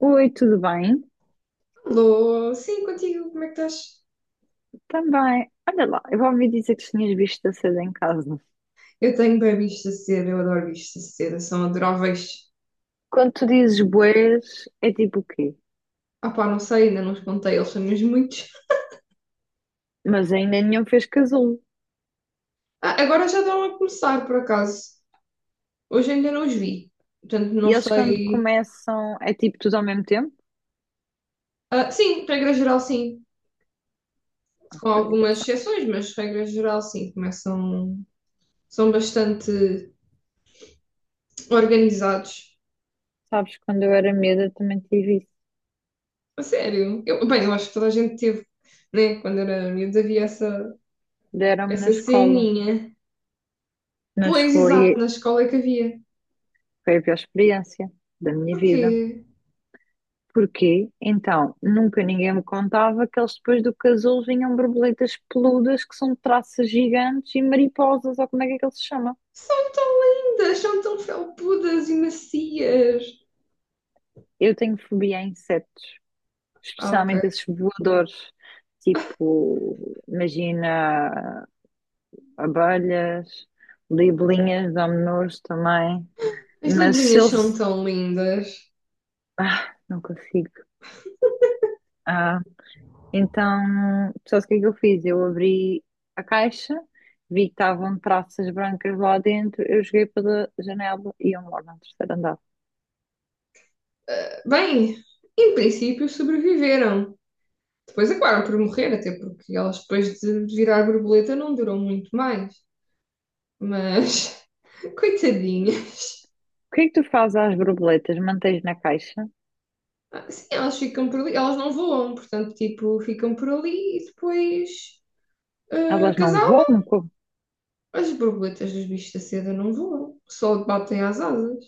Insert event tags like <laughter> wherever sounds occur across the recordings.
Oi, tudo bem? Alô, sim, contigo, como é que estás? Também. Olha lá, eu ouvi dizer que tinhas visto a seda em casa. Eu tenho bem bichos de seda, eu adoro bichos de seda, são adoráveis. Quando tu dizes boés, é tipo o quê? Ah pá, não sei, ainda não os contei, eles são mesmo muitos. Mas ainda nenhum fez casulo. Ah, agora já estão a começar, por acaso. Hoje ainda não os vi, portanto E não eles quando sei. começam, é tipo tudo ao mesmo tempo? Sim, regra geral sim, com Ok. algumas exceções, mas regra geral sim, começam. São bastante organizados. Sabes, quando eu era miúda também tive isso. A sério, eu, bem, eu acho que toda a gente teve, né? Quando era miúdo havia essa, Deram-me na essa escola. ceninha. Mas Pois, exato, na escola é que havia. foi a pior experiência da minha Porquê? vida. Porquê? Então, nunca ninguém me contava que eles depois do casulo vinham borboletas peludas que são traças gigantes e mariposas, ou como é que aquilo se chama? São tão lindas, são tão felpudas e macias. Eu tenho fobia a insetos, Ah, especialmente ok. esses voadores, tipo, imagina abelhas, libelinhas, dão-me nojo também, As mas se libelinhas são eles. tão lindas. Ah, não consigo. Ah, então, sabes o que é que eu fiz? Eu abri a caixa, vi que estavam traças brancas lá dentro, eu joguei pela janela e eu moro no terceiro andar. Bem, em princípio sobreviveram. Depois acabaram por morrer, até porque elas depois de virar borboleta não duram muito mais. Mas, <laughs> coitadinha. O que é que tu fazes às borboletas? Mantens na caixa? Sim, elas ficam por ali, elas não voam, portanto, tipo, ficam por ali e depois Elas não casal. voam? Como? As borboletas dos bichos da seda não voam, só batem às asas.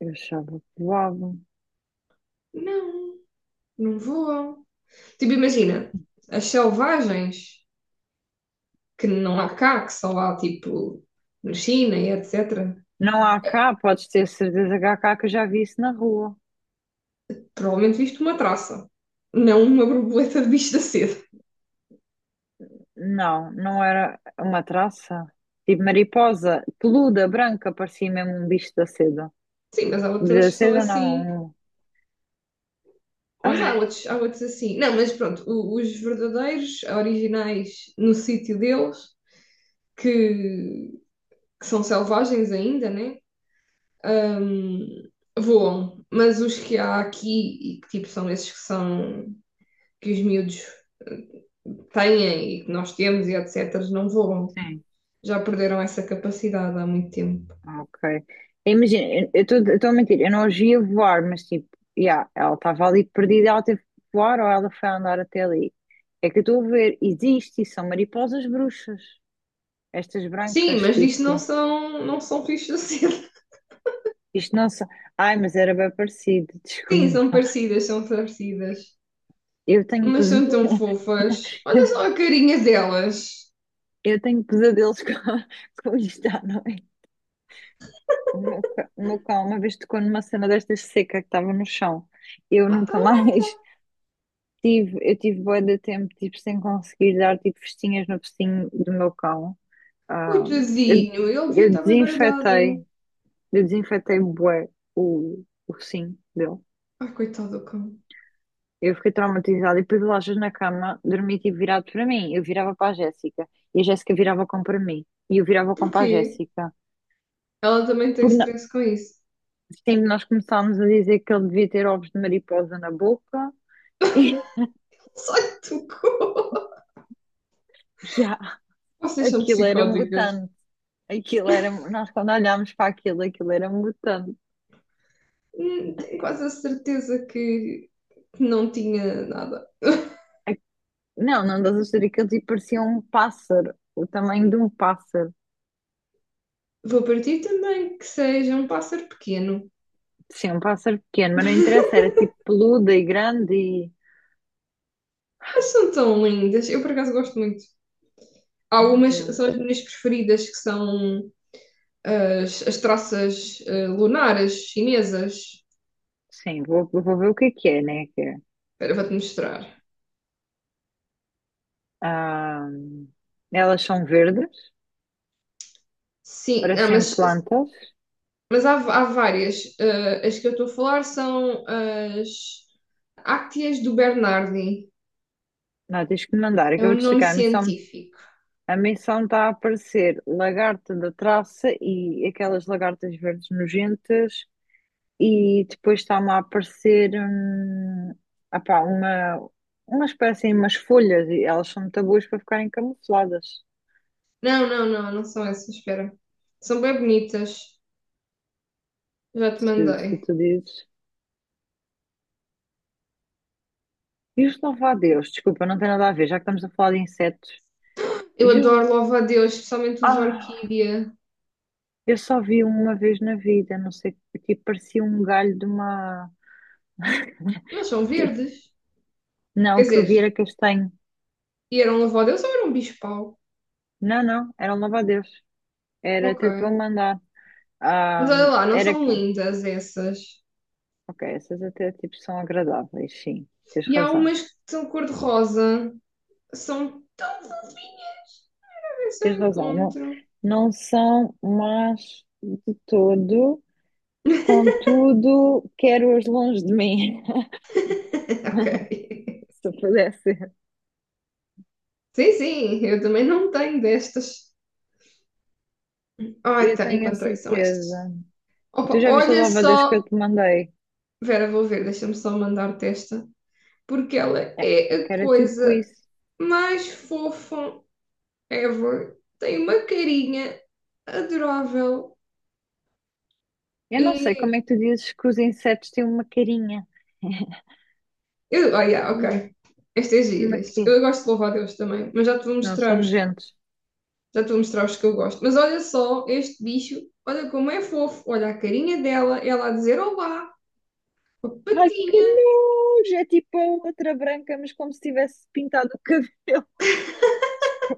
Eu achava que voavam. Não, não voam. Tipo, imagina, as selvagens que não há cá, que só há tipo na China e etc. Não há cá, podes ter certeza que há cá que eu já vi isso na rua. Provavelmente viste uma traça, não uma borboleta de bicho da sede. Não, não era uma traça. Tipo mariposa, peluda, branca, parecia mesmo um bicho da seda. Sim, mas há Um bicho outras da que são seda assim. não. Mas Ai, há outros assim. Não, mas pronto, os verdadeiros, originais no sítio deles, que, que são selvagens ainda, né? Hum, Voam, mas os que há aqui e que tipo são esses que são que os miúdos têm e que nós temos e etc., não voam. sim, Já perderam essa capacidade há muito tempo. ok. Imagina, eu estou a mentir, eu não os via voar, mas tipo, yeah, ela estava ali perdida, ela teve que voar ou ela foi andar até ali. É que eu estou a ver, existe e são mariposas bruxas. Estas Sim, brancas, mas isto não tipo, são, não são fichas assim. <laughs> isto não são. Ai, mas era bem parecido, <laughs> Sim, são desculpa. parecidas, são parecidas. Eu tenho Mas pesa- são tão fofas. Olha só <laughs> a carinha delas. eu tenho pesadelos com, <laughs> com isto à noite. O meu cão uma vez tocou numa cena destas seca que estava no chão. Eu Ah, está a nunca mais Marta. <laughs> Eu tive bué de tempo, tipo, sem conseguir dar, tipo, festinhas no focinho do meu cão. Ah, eu, Coitadinho, ele devia eu estar bem desinfetei, baralhado. eu desinfetei bué o focinho dele. Ai, coitado do cão. Eu fiquei traumatizada e depois o Lajas na cama dormia tipo virado para mim. Eu virava para a Jéssica e a Jéssica virava com para mim e eu virava com para a Porquê? Jéssica. Ela também tem Porque na- stress com isso. sempre nós começámos a dizer que ele devia ter ovos de mariposa na boca <laughs> e <laughs> Só lhe tocou. já, Vocês são aquilo era psicóticas. mutante. Aquilo era, nós quando olhámos para aquilo, aquilo era mutante. Tenho quase a certeza que não tinha nada. <laughs> Não, não das histórias que ele tipo, parecia um pássaro, o tamanho de um pássaro. Vou partir também que seja um pássaro pequeno. Sim, um pássaro pequeno, mas não <laughs> interessa, era tipo peludo e grande e. Mas são tão lindas. Eu, por acaso, gosto muito. Meu Algumas são Deus. as minhas preferidas, que são as traças lunares chinesas. Sim, vou ver o que é, né? Que é. Espera, vou-te mostrar. Ah, elas são verdes, Sim, ah, parecem plantas. mas há várias. Eh, as que eu estou a falar são as Ácteas do Bernardi. Não, tens que me mandar. É o Acabei de nome chegar. Científico. A missão está a aparecer lagarta da traça e aquelas lagartas verdes nojentas. E depois está-me a aparecer apá, umas parecem umas folhas e elas são muito boas para ficarem camufladas. Não são essas, espera. São bem bonitas. Já te Se mandei. tu dizes. E os louva-a-Deus, desculpa, não tem nada a ver, já que estamos a falar de insetos. Eu E os... adoro louva-a-Deus, especialmente os Ah! orquídea. Eu só vi uma vez na vida, não sei, tipo, parecia um galho de uma. Mas são verdes. Quer Não, que eu dizer, vi era castanho. e eram louva-a-Deus ou eram bicho-pau? Não, não, era um louva. Era, Ok. até te vou mandar. Mas Ah, olha lá, não era são que. lindas essas. Ok, essas até tipo são agradáveis, sim, tens E há razão. umas que são cor-de-rosa. São tão fofinhas. Ver se Tens eu razão, não, encontro. não são más de todo, contudo, quero-as longe de mim, <laughs> Ok. <laughs> se eu pudesse. Sim, sim, eu também não tenho destas. Ai, Eu tá, tenho a encontrei, são estas. certeza. Tu Opa, já viste o olha louva que eu só. te mandei? Vera, vou ver, deixa-me só mandar-te esta. Porque ela É, é é que a era tipo coisa isso. mais fofa ever. Tem uma carinha adorável. Eu não sei como E. é que tu dizes que os insetos têm uma carinha. Eu, oh, yeah, ok. Esta é gira. Uma quê? Eu gosto de louvar a Deus também, mas já te vou Não, são mostrar os, nojentos. já te vou mostrar os que eu gosto. Mas olha só este bicho, olha como é fofo, olha a carinha dela, ela a dizer olá, com a Ai, que patinha. nojo! É tipo a outra branca, mas como se tivesse pintado o cabelo. <laughs>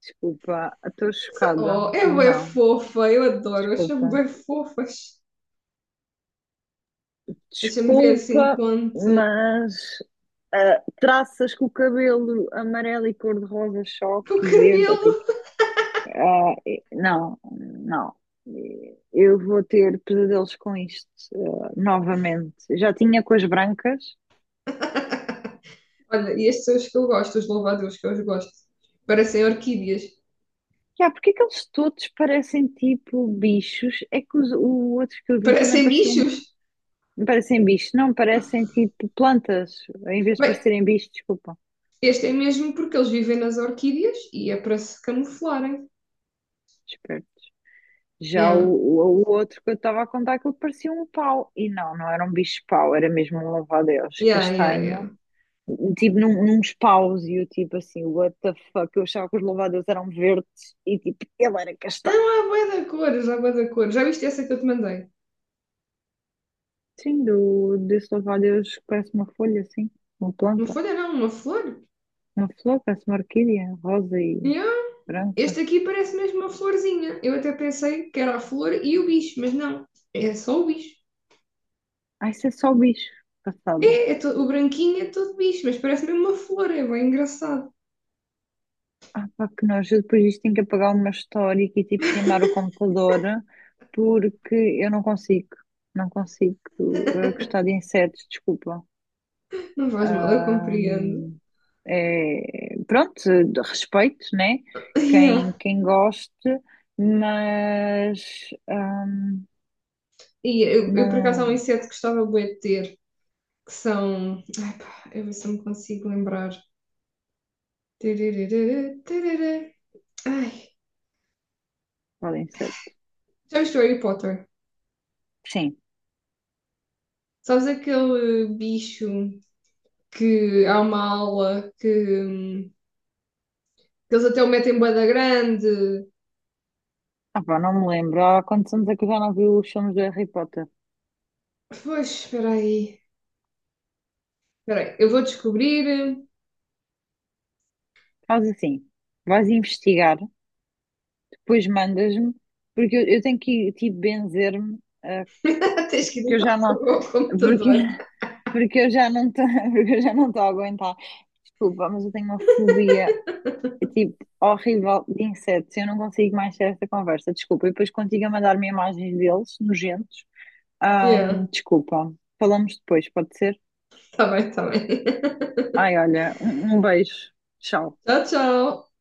Desculpa, estou chocada. Oh, é bué Não, fofa, eu adoro, acho-me desculpa. bem fofas. Deixa-me ver assim Desculpa, quanto. mas ah, traças com o cabelo amarelo e cor-de-rosa Com o choque e verde, cabelo. ok? Ah, não, não. E eu vou ter pesadelos com isto, ah, novamente. Já tinha com as brancas. Olha, e estes são os que eu gosto, os louvadeus que eu gosto. Parecem orquídeas. Já, porque é que eles todos parecem tipo bichos? É que o outro que eu vi também Parecem parecia um, bichos. parecem bichos, não, parecem tipo plantas, em vez de Bem, parecerem bichos, desculpa. este é mesmo porque eles vivem nas orquídeas e é para se camuflarem. Esperto. Já Yeah, o outro que eu estava a contar, aquilo parecia um pau. E não, não era um bicho pau, era mesmo um louva-a-Deus yeah, yeah, yeah. castanho tipo num espáusio, tipo assim, what the fuck, eu achava que os louvadeus eram verdes e tipo, ele era Não, castanho. há bué da cores, há bué da cor. Já viste essa que eu te mandei? Sim, desse louvadeus que parece uma folha, assim, uma Uma planta, folha não, uma flor? uma flor, parece uma orquídea, rosa e Yeah. Este branca. aqui parece mesmo uma florzinha. Eu até pensei que era a flor e o bicho, mas não. É só o bicho. Ah, isso é só bicho, passada. É, o branquinho é todo bicho, mas parece mesmo uma flor, é bem engraçado. Ah, pá, que nós depois disto tenho que apagar uma história e tipo queimar o computador porque eu não consigo, não consigo gostar de insetos, desculpa. Não faz mal, eu compreendo. Ahm, É, pronto, de respeito, né? <laughs> Yeah. Quem goste, mas E eu, por acaso, há um não. inseto que gostava bué de ter, que são. Ai, pá, eu ver se eu me consigo lembrar. Tararara, tarará. Ai, Podem ser. já viste o Harry Potter? Sim. Sabes aquele bicho que há uma aula hum, que eles até o metem bué da grande? Ah, pá, não me lembro. Há quantos anos é que eu já não vi os filmes do Harry Potter? Pois, espera aí. Espera aí, eu vou descobrir. Faz assim, vais investigar, depois mandas-me, porque eu tenho que tipo benzer-me, ah, <laughs> Tens porque que ir eu já não. ao <laughs> Porque, computador. <laughs> porque eu já não estou, <laughs> porque eu já não estou a aguentar. Desculpa, mas eu tenho uma fobia. É <laughs> tipo, horrível de insetos. Eu não consigo mais ter esta conversa, desculpa. E depois contigo a mandar-me imagens deles, nojentos. Ja, Desculpa. Falamos depois, pode ser? tá bem, tá bem. Ai, olha, um beijo. Tchau. Tchau, tchau.